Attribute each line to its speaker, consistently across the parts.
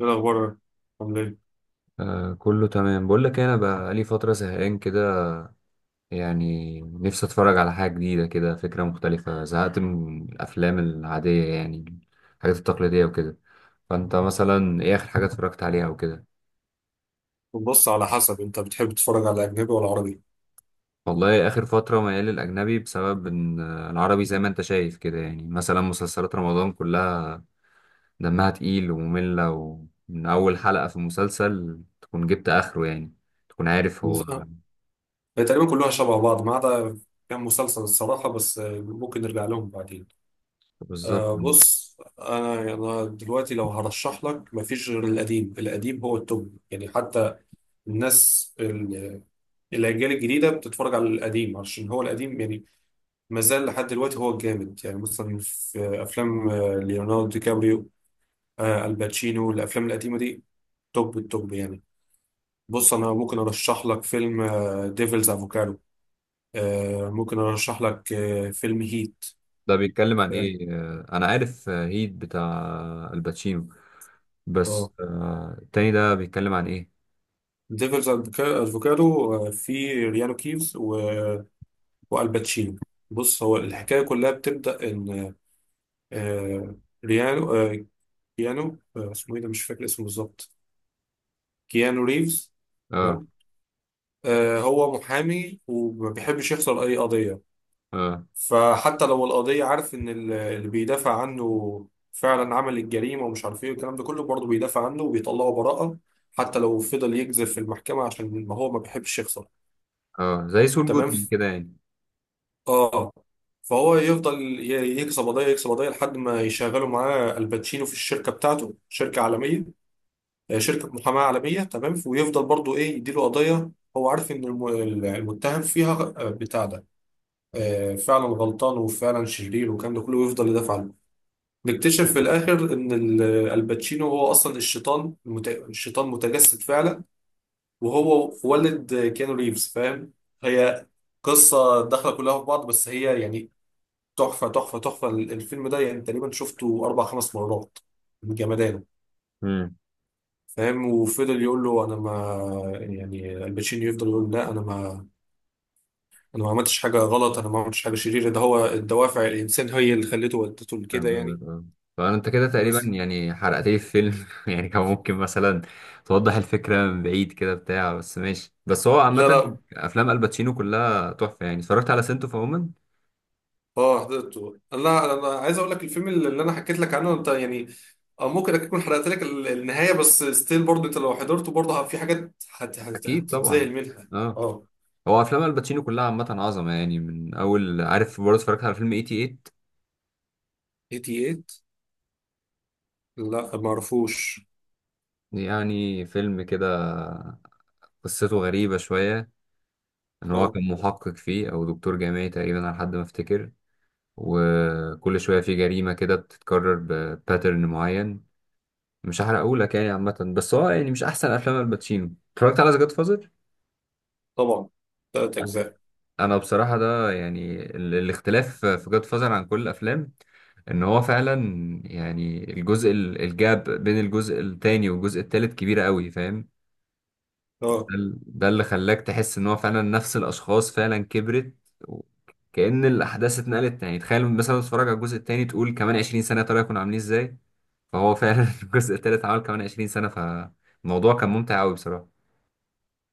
Speaker 1: ايه الاخبار؟ عامل ايه؟
Speaker 2: آه، كله تمام. بقول لك إيه، انا بقالي فتره زهقان كده. يعني نفسي اتفرج على حاجه جديده كده، فكره مختلفه. زهقت من الافلام العاديه يعني الحاجات التقليديه وكده. فانت مثلا ايه اخر حاجه اتفرجت عليها وكده؟
Speaker 1: بص، على حسب انت بتحب تتفرج على اجنبي ولا عربي؟
Speaker 2: والله اخر فتره ميال للاجنبي بسبب ان العربي زي ما انت شايف كده. يعني مثلا مسلسلات رمضان كلها دمها تقيل وممله، ومن اول حلقه في المسلسل تكون جبت اخره يعني، تكون عارف هو.
Speaker 1: بس- آه، هي تقريبا كلها شبه بعض، ما عدا كام مسلسل الصراحه، بس ممكن نرجع لهم بعدين.
Speaker 2: بالظبط.
Speaker 1: بص، انا دلوقتي لو هرشح لك مفيش غير القديم القديم، هو التوب يعني. حتى الناس ال- الاجيال الجديده بتتفرج على القديم عشان هو القديم يعني، ما زال لحد دلوقتي هو الجامد. يعني مثلا في افلام ليوناردو دي كابريو، الباتشينو، الافلام القديمه دي توب التوب يعني. بص انا ممكن ارشح لك فيلم ديفلز افوكادو، ممكن ارشح لك فيلم هيت.
Speaker 2: ده بيتكلم عن ايه؟ انا عارف، هيت بتاع الباتشينو.
Speaker 1: اه،
Speaker 2: بس التاني ده بيتكلم عن ايه؟
Speaker 1: ديفلز افوكادو في ريانو كيفز و- والباتشينو. بص، هو الحكايه كلها بتبدا ان آه، ريانو آه، كيانو، اسمه ايه ده، مش فاكر اسمه بالظبط، كيانو ريفز.
Speaker 2: اه.
Speaker 1: تمام. هو محامي وما بيحبش يخسر اي قضيه.
Speaker 2: اه.
Speaker 1: فحتى لو القضية، عارف إن اللي بيدافع عنه فعلا عمل الجريمة ومش عارف إيه والكلام ده كله، برضه بيدافع عنه وبيطلعه براءة، حتى لو فضل يكذب في المحكمة، عشان ما هو ما بيحبش يخسر.
Speaker 2: اه، زي سول
Speaker 1: تمام.
Speaker 2: جودمان كده يعني.
Speaker 1: آه فهو يفضل يكسب قضية يكسب قضية لحد ما يشغلوا معاه الباتشينو في الشركة بتاعته، شركة عالمية، شركة محاماة عالمية. تمام. ويفضل برضه، إيه، يديله قضية هو عارف إن المتهم فيها بتاع ده فعلا غلطان وفعلا شرير والكلام ده كله، ويفضل يدافع عنه. نكتشف في الاخر ان الباتشينو هو اصلا الشيطان، الشيطان متجسد فعلا، وهو والد كيانو ريفز، فاهم؟ هي قصه داخله كلها في بعض بس هي يعني تحفه تحفه تحفه. الفيلم ده يعني تقريبا شفته اربع خمس مرات من جمدانه،
Speaker 2: امم.
Speaker 1: فاهم. وفضل يقول له انا ما، يعني الباتشينو يفضل يقول لا انا ما، انا ما عملتش حاجه غلط، انا ما عملتش حاجه شريره، ده هو الدوافع، الانسان هي اللي خلته ودته لكده
Speaker 2: فاهم
Speaker 1: يعني.
Speaker 2: قصدك اه. فانت كده تقريبا
Speaker 1: بس
Speaker 2: يعني حرقت لي الفيلم يعني كان ممكن مثلا توضح الفكره من بعيد كده بتاع. بس ماشي، بس هو
Speaker 1: لا
Speaker 2: عامه
Speaker 1: لا.
Speaker 2: افلام الباتشينو كلها تحفه يعني. اتفرجت على سنتو فومن.
Speaker 1: اه حضرته. لا، انا عايز اقول لك الفيلم اللي انا حكيت لك عنه انت يعني، ممكن اكون حرقت لك النهايه، بس ستيل برضه انت لو حضرته، برضه في حاجات
Speaker 2: اكيد طبعا.
Speaker 1: هتتذهل منها.
Speaker 2: اه.
Speaker 1: اه.
Speaker 2: هو افلام الباتشينو كلها عامه عظمه يعني. من اول، عارف، برضه اتفرجت على فيلم 88.
Speaker 1: 88؟ لا ما اعرفوش.
Speaker 2: يعني فيلم كده قصته غريبة شوية، إن هو
Speaker 1: اه
Speaker 2: كان محقق فيه أو دكتور جامعي تقريبا على حد ما أفتكر. وكل شوية في جريمة كده بتتكرر بباترن معين. مش هحرقهولك يعني، عامة بس هو يعني مش أحسن أفلام الباتشينو. اتفرجت على جاد فازر؟
Speaker 1: طبعا، ثلاث اجزاء.
Speaker 2: أنا بصراحة ده يعني الاختلاف في جاد فازر عن كل الأفلام، إن هو فعلا يعني الجزء الجاب بين الجزء التاني والجزء التالت كبيرة قوي، فاهم؟
Speaker 1: اه.
Speaker 2: ده اللي خلاك تحس ان هو فعلا نفس الاشخاص فعلا كبرت، و- كأن الاحداث اتنقلت. يعني تخيل مثلا تتفرج على الجزء التاني تقول كمان 20 سنة طلعوا يكونوا عاملين ازاي. فهو فعلا الجزء التالت عمل كمان 20 سنة، فالموضوع كان ممتع قوي بصراحة.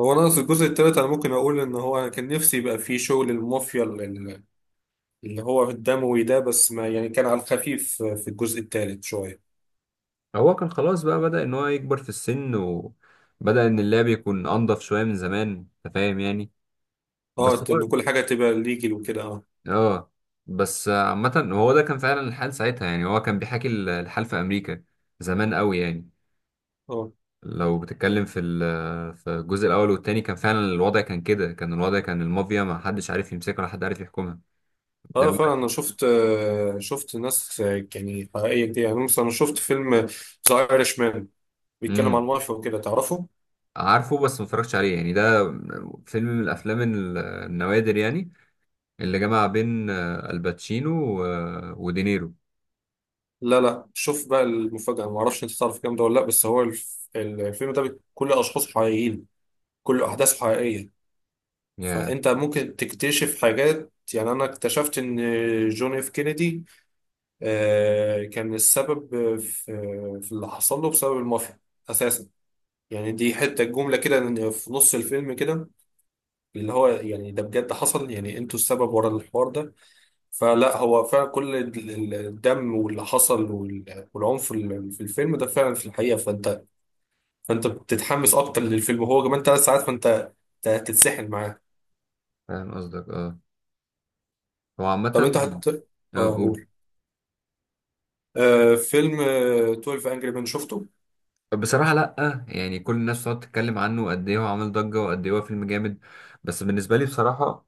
Speaker 1: هو انا في الجزء الثالث انا ممكن اقول ان هو، انا كان نفسي يبقى فيه شغل المافيا، اللي هو الدموي ده، بس ما يعني كان على الخفيف في الجزء الثالث شويه.
Speaker 2: هو كان خلاص بقى بدأ ان هو يكبر في السن، وبدأ ان اللعب يكون انضف شوية من زمان، انت فاهم يعني.
Speaker 1: اه،
Speaker 2: بس هو
Speaker 1: ان كل حاجه تبقى ليجل وكده. اه.
Speaker 2: اه. بس عامة هو ده كان فعلا الحال ساعتها. يعني هو كان بيحكي الحال في امريكا زمان قوي يعني.
Speaker 1: اه.
Speaker 2: لو بتتكلم في في الجزء الاول والتاني كان فعلا الوضع كان كده. كان الوضع كان المافيا ما حدش عارف يمسكها ولا حد عارف يحكمها
Speaker 1: اه فعلا،
Speaker 2: دلوقتي.
Speaker 1: انا شفت، شفت ناس يعني حقيقيه كتير، يعني مثلا انا شفت فيلم ذا ايرش مان، بيتكلم عن
Speaker 2: امم.
Speaker 1: مافيا وكده، تعرفه؟
Speaker 2: عارفه بس ما اتفرجتش عليه يعني. ده فيلم من الافلام النوادر يعني، اللي جمع بين الباتشينو ودينيرو.
Speaker 1: لا لا، شوف بقى المفاجاه، انا ما اعرفش انت تعرف الكلام ده ولا لا، بس هو الفيلم ده كل اشخاصه حقيقيين، كل احداثه حقيقيه.
Speaker 2: يا.
Speaker 1: فانت ممكن تكتشف حاجات، يعني انا اكتشفت ان جون اف كينيدي كان السبب في اللي حصل له بسبب المافيا اساسا. يعني دي حته جمله كده في نص الفيلم كده، اللي هو يعني ده بجد حصل يعني، انتوا السبب ورا الحوار ده. فلا هو فعلا كل الدم واللي حصل والعنف في الفيلم ده فعلا في الحقيقة. فانت بتتحمس اكتر للفيلم، هو كمان 3 ساعات، فانت أنت هتتسحل معاه.
Speaker 2: فاهم قصدك اه. هو
Speaker 1: طب
Speaker 2: عامة
Speaker 1: انت هت
Speaker 2: اه
Speaker 1: اه
Speaker 2: قول.
Speaker 1: قول. فيلم 12 انجري مان، شفته؟
Speaker 2: بصراحة لأ، يعني كل الناس بتقعد تتكلم عنه قد إيه هو عامل ضجة وقد إيه هو فيلم جامد، بس بالنسبة لي بصراحة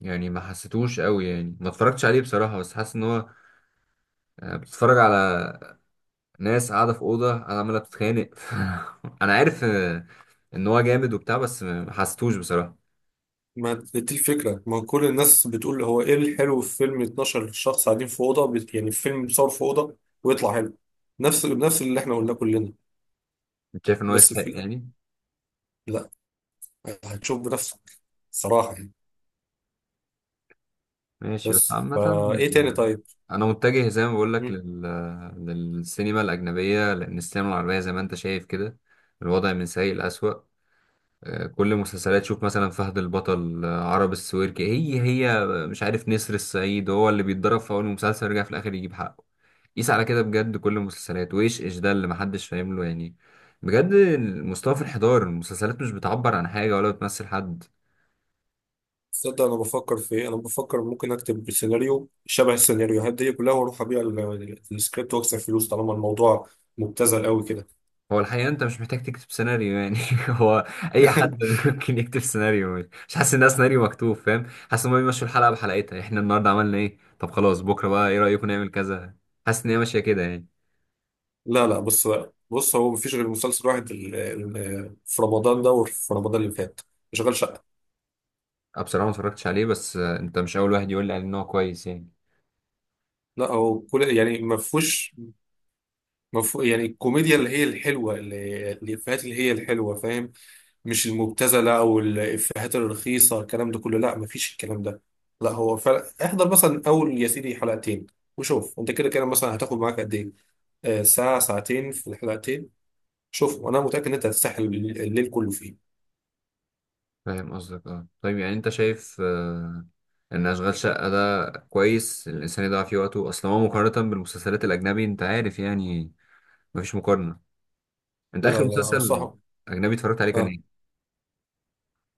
Speaker 2: يعني ما حسيتوش قوي. يعني ما اتفرجتش عليه بصراحة، بس حاسس ان هو بتتفرج على ناس قاعدة في أوضة، قاعدة عمالة بتتخانق انا عارف ان هو جامد وبتاع، بس ما حسيتوش بصراحة.
Speaker 1: ما دي الفكرة، ما كل الناس بتقول هو ايه الحلو في فيلم 12 شخص قاعدين في أوضة، يعني فيلم بيصور في أوضة ويطلع حلو. نفس اللي احنا قلناه كلنا.
Speaker 2: مش شايف ان هو
Speaker 1: بس
Speaker 2: يستحق
Speaker 1: في الأ-
Speaker 2: يعني.
Speaker 1: لا، هتشوف بنفسك صراحة يعني.
Speaker 2: ماشي، بس
Speaker 1: بس
Speaker 2: عامة
Speaker 1: فا، إيه تاني طيب؟
Speaker 2: انا متجه زي ما بقول لك
Speaker 1: مم.
Speaker 2: للسينما الأجنبية، لأن السينما العربية زي ما انت شايف كده الوضع من سيء لأسوأ. كل مسلسلات، شوف مثلا فهد البطل، عرب السويركي، هي هي مش عارف، نسر الصعيد هو اللي بيتضرب في اول مسلسل يرجع في الاخر يجيب حقه. قيس على كده بجد كل المسلسلات، وايش ايش ده اللي محدش فاهم له يعني. بجد المستوى في الانحدار، المسلسلات مش بتعبر عن حاجة ولا بتمثل حد.
Speaker 1: تصدق أنا بفكر في إيه؟ أنا بفكر ممكن أكتب سيناريو شبه السيناريوهات دي كلها وأروح أبيع السكريبت وأكسب فلوس، طالما الموضوع مبتذل أوي كده.
Speaker 2: هو الحقيقة انت مش محتاج تكتب سيناريو يعني هو اي حد ممكن يكتب سيناريو. مش حاسس انها سيناريو مكتوب، فاهم؟ حاسس ان هم بيمشوا الحلقة بحلقتها، احنا النهاردة عملنا ايه، طب خلاص بكرة بقى ايه رأيكم نعمل كذا. حاسس ان هي ماشية كده يعني.
Speaker 1: لا لا. بص، بص هو مفيش غير مسلسل واحد، في رمضان ده وفي رمضان اللي فات، شغال شقة.
Speaker 2: أنا بصراحة ما اتفرجتش عليه، بس أنت مش أول واحد يقول لي عليه إن هو كويس يعني.
Speaker 1: لا هو كل يعني ما فيهوش، ما فيه- يعني الكوميديا اللي هي الحلوة، اللي الإفيهات اللي هي الحلوة، فاهم؟ مش المبتذله او الافيهات الرخيصه، الكلام ده كله، لا مفيش الكلام ده. لا هو فعلا، احضر مثلا اول يا سيدي حلقتين، وشوف انت كده كده مثلا هتاخد معاك قد ايه، ساعه ساعتين في الحلقتين، شوف، وانا متاكد ان انت هتستحمل الليل، الليل كله فيه.
Speaker 2: فاهم قصدك أه. طيب يعني أنت شايف إن أشغال شقة ده كويس الإنسان يضيع فيه وقته؟ أصل هو مقارنة بالمسلسلات الأجنبي أنت عارف يعني مفيش مقارنة. أنت
Speaker 1: لا
Speaker 2: آخر
Speaker 1: لا لا،
Speaker 2: مسلسل
Speaker 1: انصحك.
Speaker 2: أجنبي اتفرجت عليه كان
Speaker 1: آه.
Speaker 2: إيه؟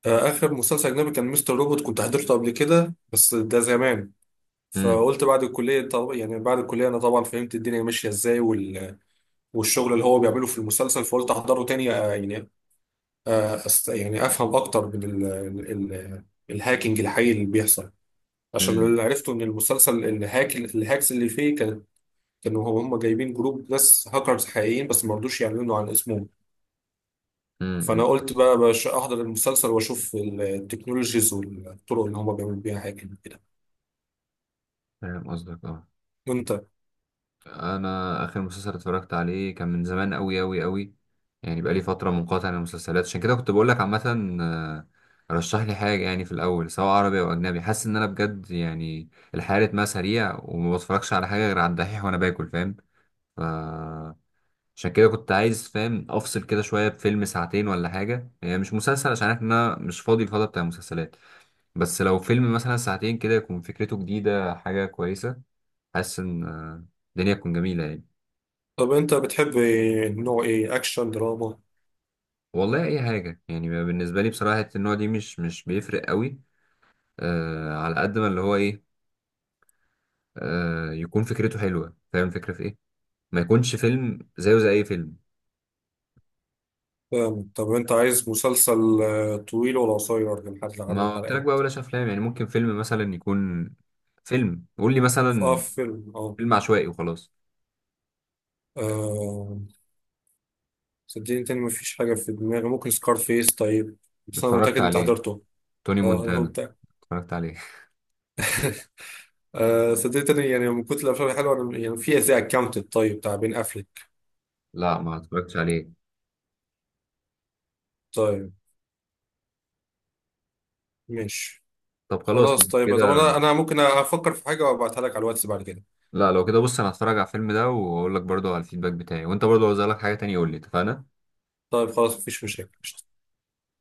Speaker 1: اخر مسلسل اجنبي كان مستر روبوت، كنت حضرته قبل كده بس ده زمان.
Speaker 2: امم.
Speaker 1: فقلت بعد الكليه، طب يعني بعد الكليه انا طبعا فهمت الدنيا ماشيه ازاي والشغل اللي هو بيعمله في المسلسل، فقلت احضره تاني يعني افهم اكتر من الهاكينج الحقيقي اللي بيحصل. عشان
Speaker 2: امم.
Speaker 1: اللي عرفته ان المسلسل الهاكس اللي فيه كانوا هم جايبين جروب ناس هاكرز حقيقيين بس ما رضوش يعلنوا عن اسمهم. فانا
Speaker 2: امم.
Speaker 1: قلت بقى باش احضر المسلسل واشوف التكنولوجيز والطرق اللي هم بيعملوا بيها هاكينج كده.
Speaker 2: فاهم قصدك أه.
Speaker 1: وانت؟
Speaker 2: انا اخر مسلسل اتفرجت عليه كان من زمان قوي قوي قوي. يعني بقالي فتره منقطع عن المسلسلات، عشان كده كنت بقول لك عامه آه، رشح لي حاجه يعني في الاول، سواء عربي او اجنبي. حاسس ان انا بجد يعني الحياه رتمها سريع، وما بتفرجش على حاجه غير على الدحيح وانا باكل، فاهم؟ ف عشان كده كنت عايز، فاهم، افصل كده شويه بفيلم ساعتين ولا حاجه، يعني مش مسلسل عشان عارف ان انا مش فاضي الفتره بتاع المسلسلات. بس لو فيلم مثلا ساعتين كده يكون فكرته جديده حاجه كويسه، حاسس ان الدنيا تكون جميله يعني.
Speaker 1: طب انت بتحب نوع ايه، اكشن، دراما؟
Speaker 2: والله اي حاجه يعني، بالنسبه لي بصراحه حتة النوع دي مش بيفرق قوي. آه، على قد ما اللي هو ايه، آه، يكون فكرته حلوه، فاهم الفكره في ايه. ما يكونش فيلم زيه زي اي فيلم.
Speaker 1: فاهم. طب انت عايز مسلسل طويل ولا قصير، من حد عدد
Speaker 2: ما قلت لك بقى
Speaker 1: الحلقات؟
Speaker 2: بلاش افلام، يعني ممكن فيلم مثلا يكون فيلم، قول لي
Speaker 1: اه،
Speaker 2: مثلا
Speaker 1: فيلم
Speaker 2: فيلم عشوائي وخلاص.
Speaker 1: آه. صدقني تاني مفيش حاجة في دماغي، ممكن سكار فيس طيب، بس أنا
Speaker 2: اتفرجت
Speaker 1: متأكد أنت
Speaker 2: عليه،
Speaker 1: حضرته.
Speaker 2: توني
Speaker 1: اه، أنا
Speaker 2: مونتانا.
Speaker 1: متأكد.
Speaker 2: اتفرجت عليه.
Speaker 1: صدقني تاني، يعني من كتر الأفلام الحلوة أنا، يعني في زي أكاونتد طيب، بتاع بين أفليك.
Speaker 2: لا ما اتفرجتش عليه.
Speaker 1: طيب، ماشي.
Speaker 2: طب خلاص لو
Speaker 1: خلاص طيب. طب
Speaker 2: كده.
Speaker 1: أنا ممكن أفكر في حاجة وأبعتها لك على الواتس بعد كده.
Speaker 2: لا لو كده، بص انا هتفرج على الفيلم ده واقول لك برضو على الفيدباك بتاعي، وانت برضو لو لك حاجه تانية قول لي، اتفقنا.
Speaker 1: طيب خلاص، مفيش مشاكل.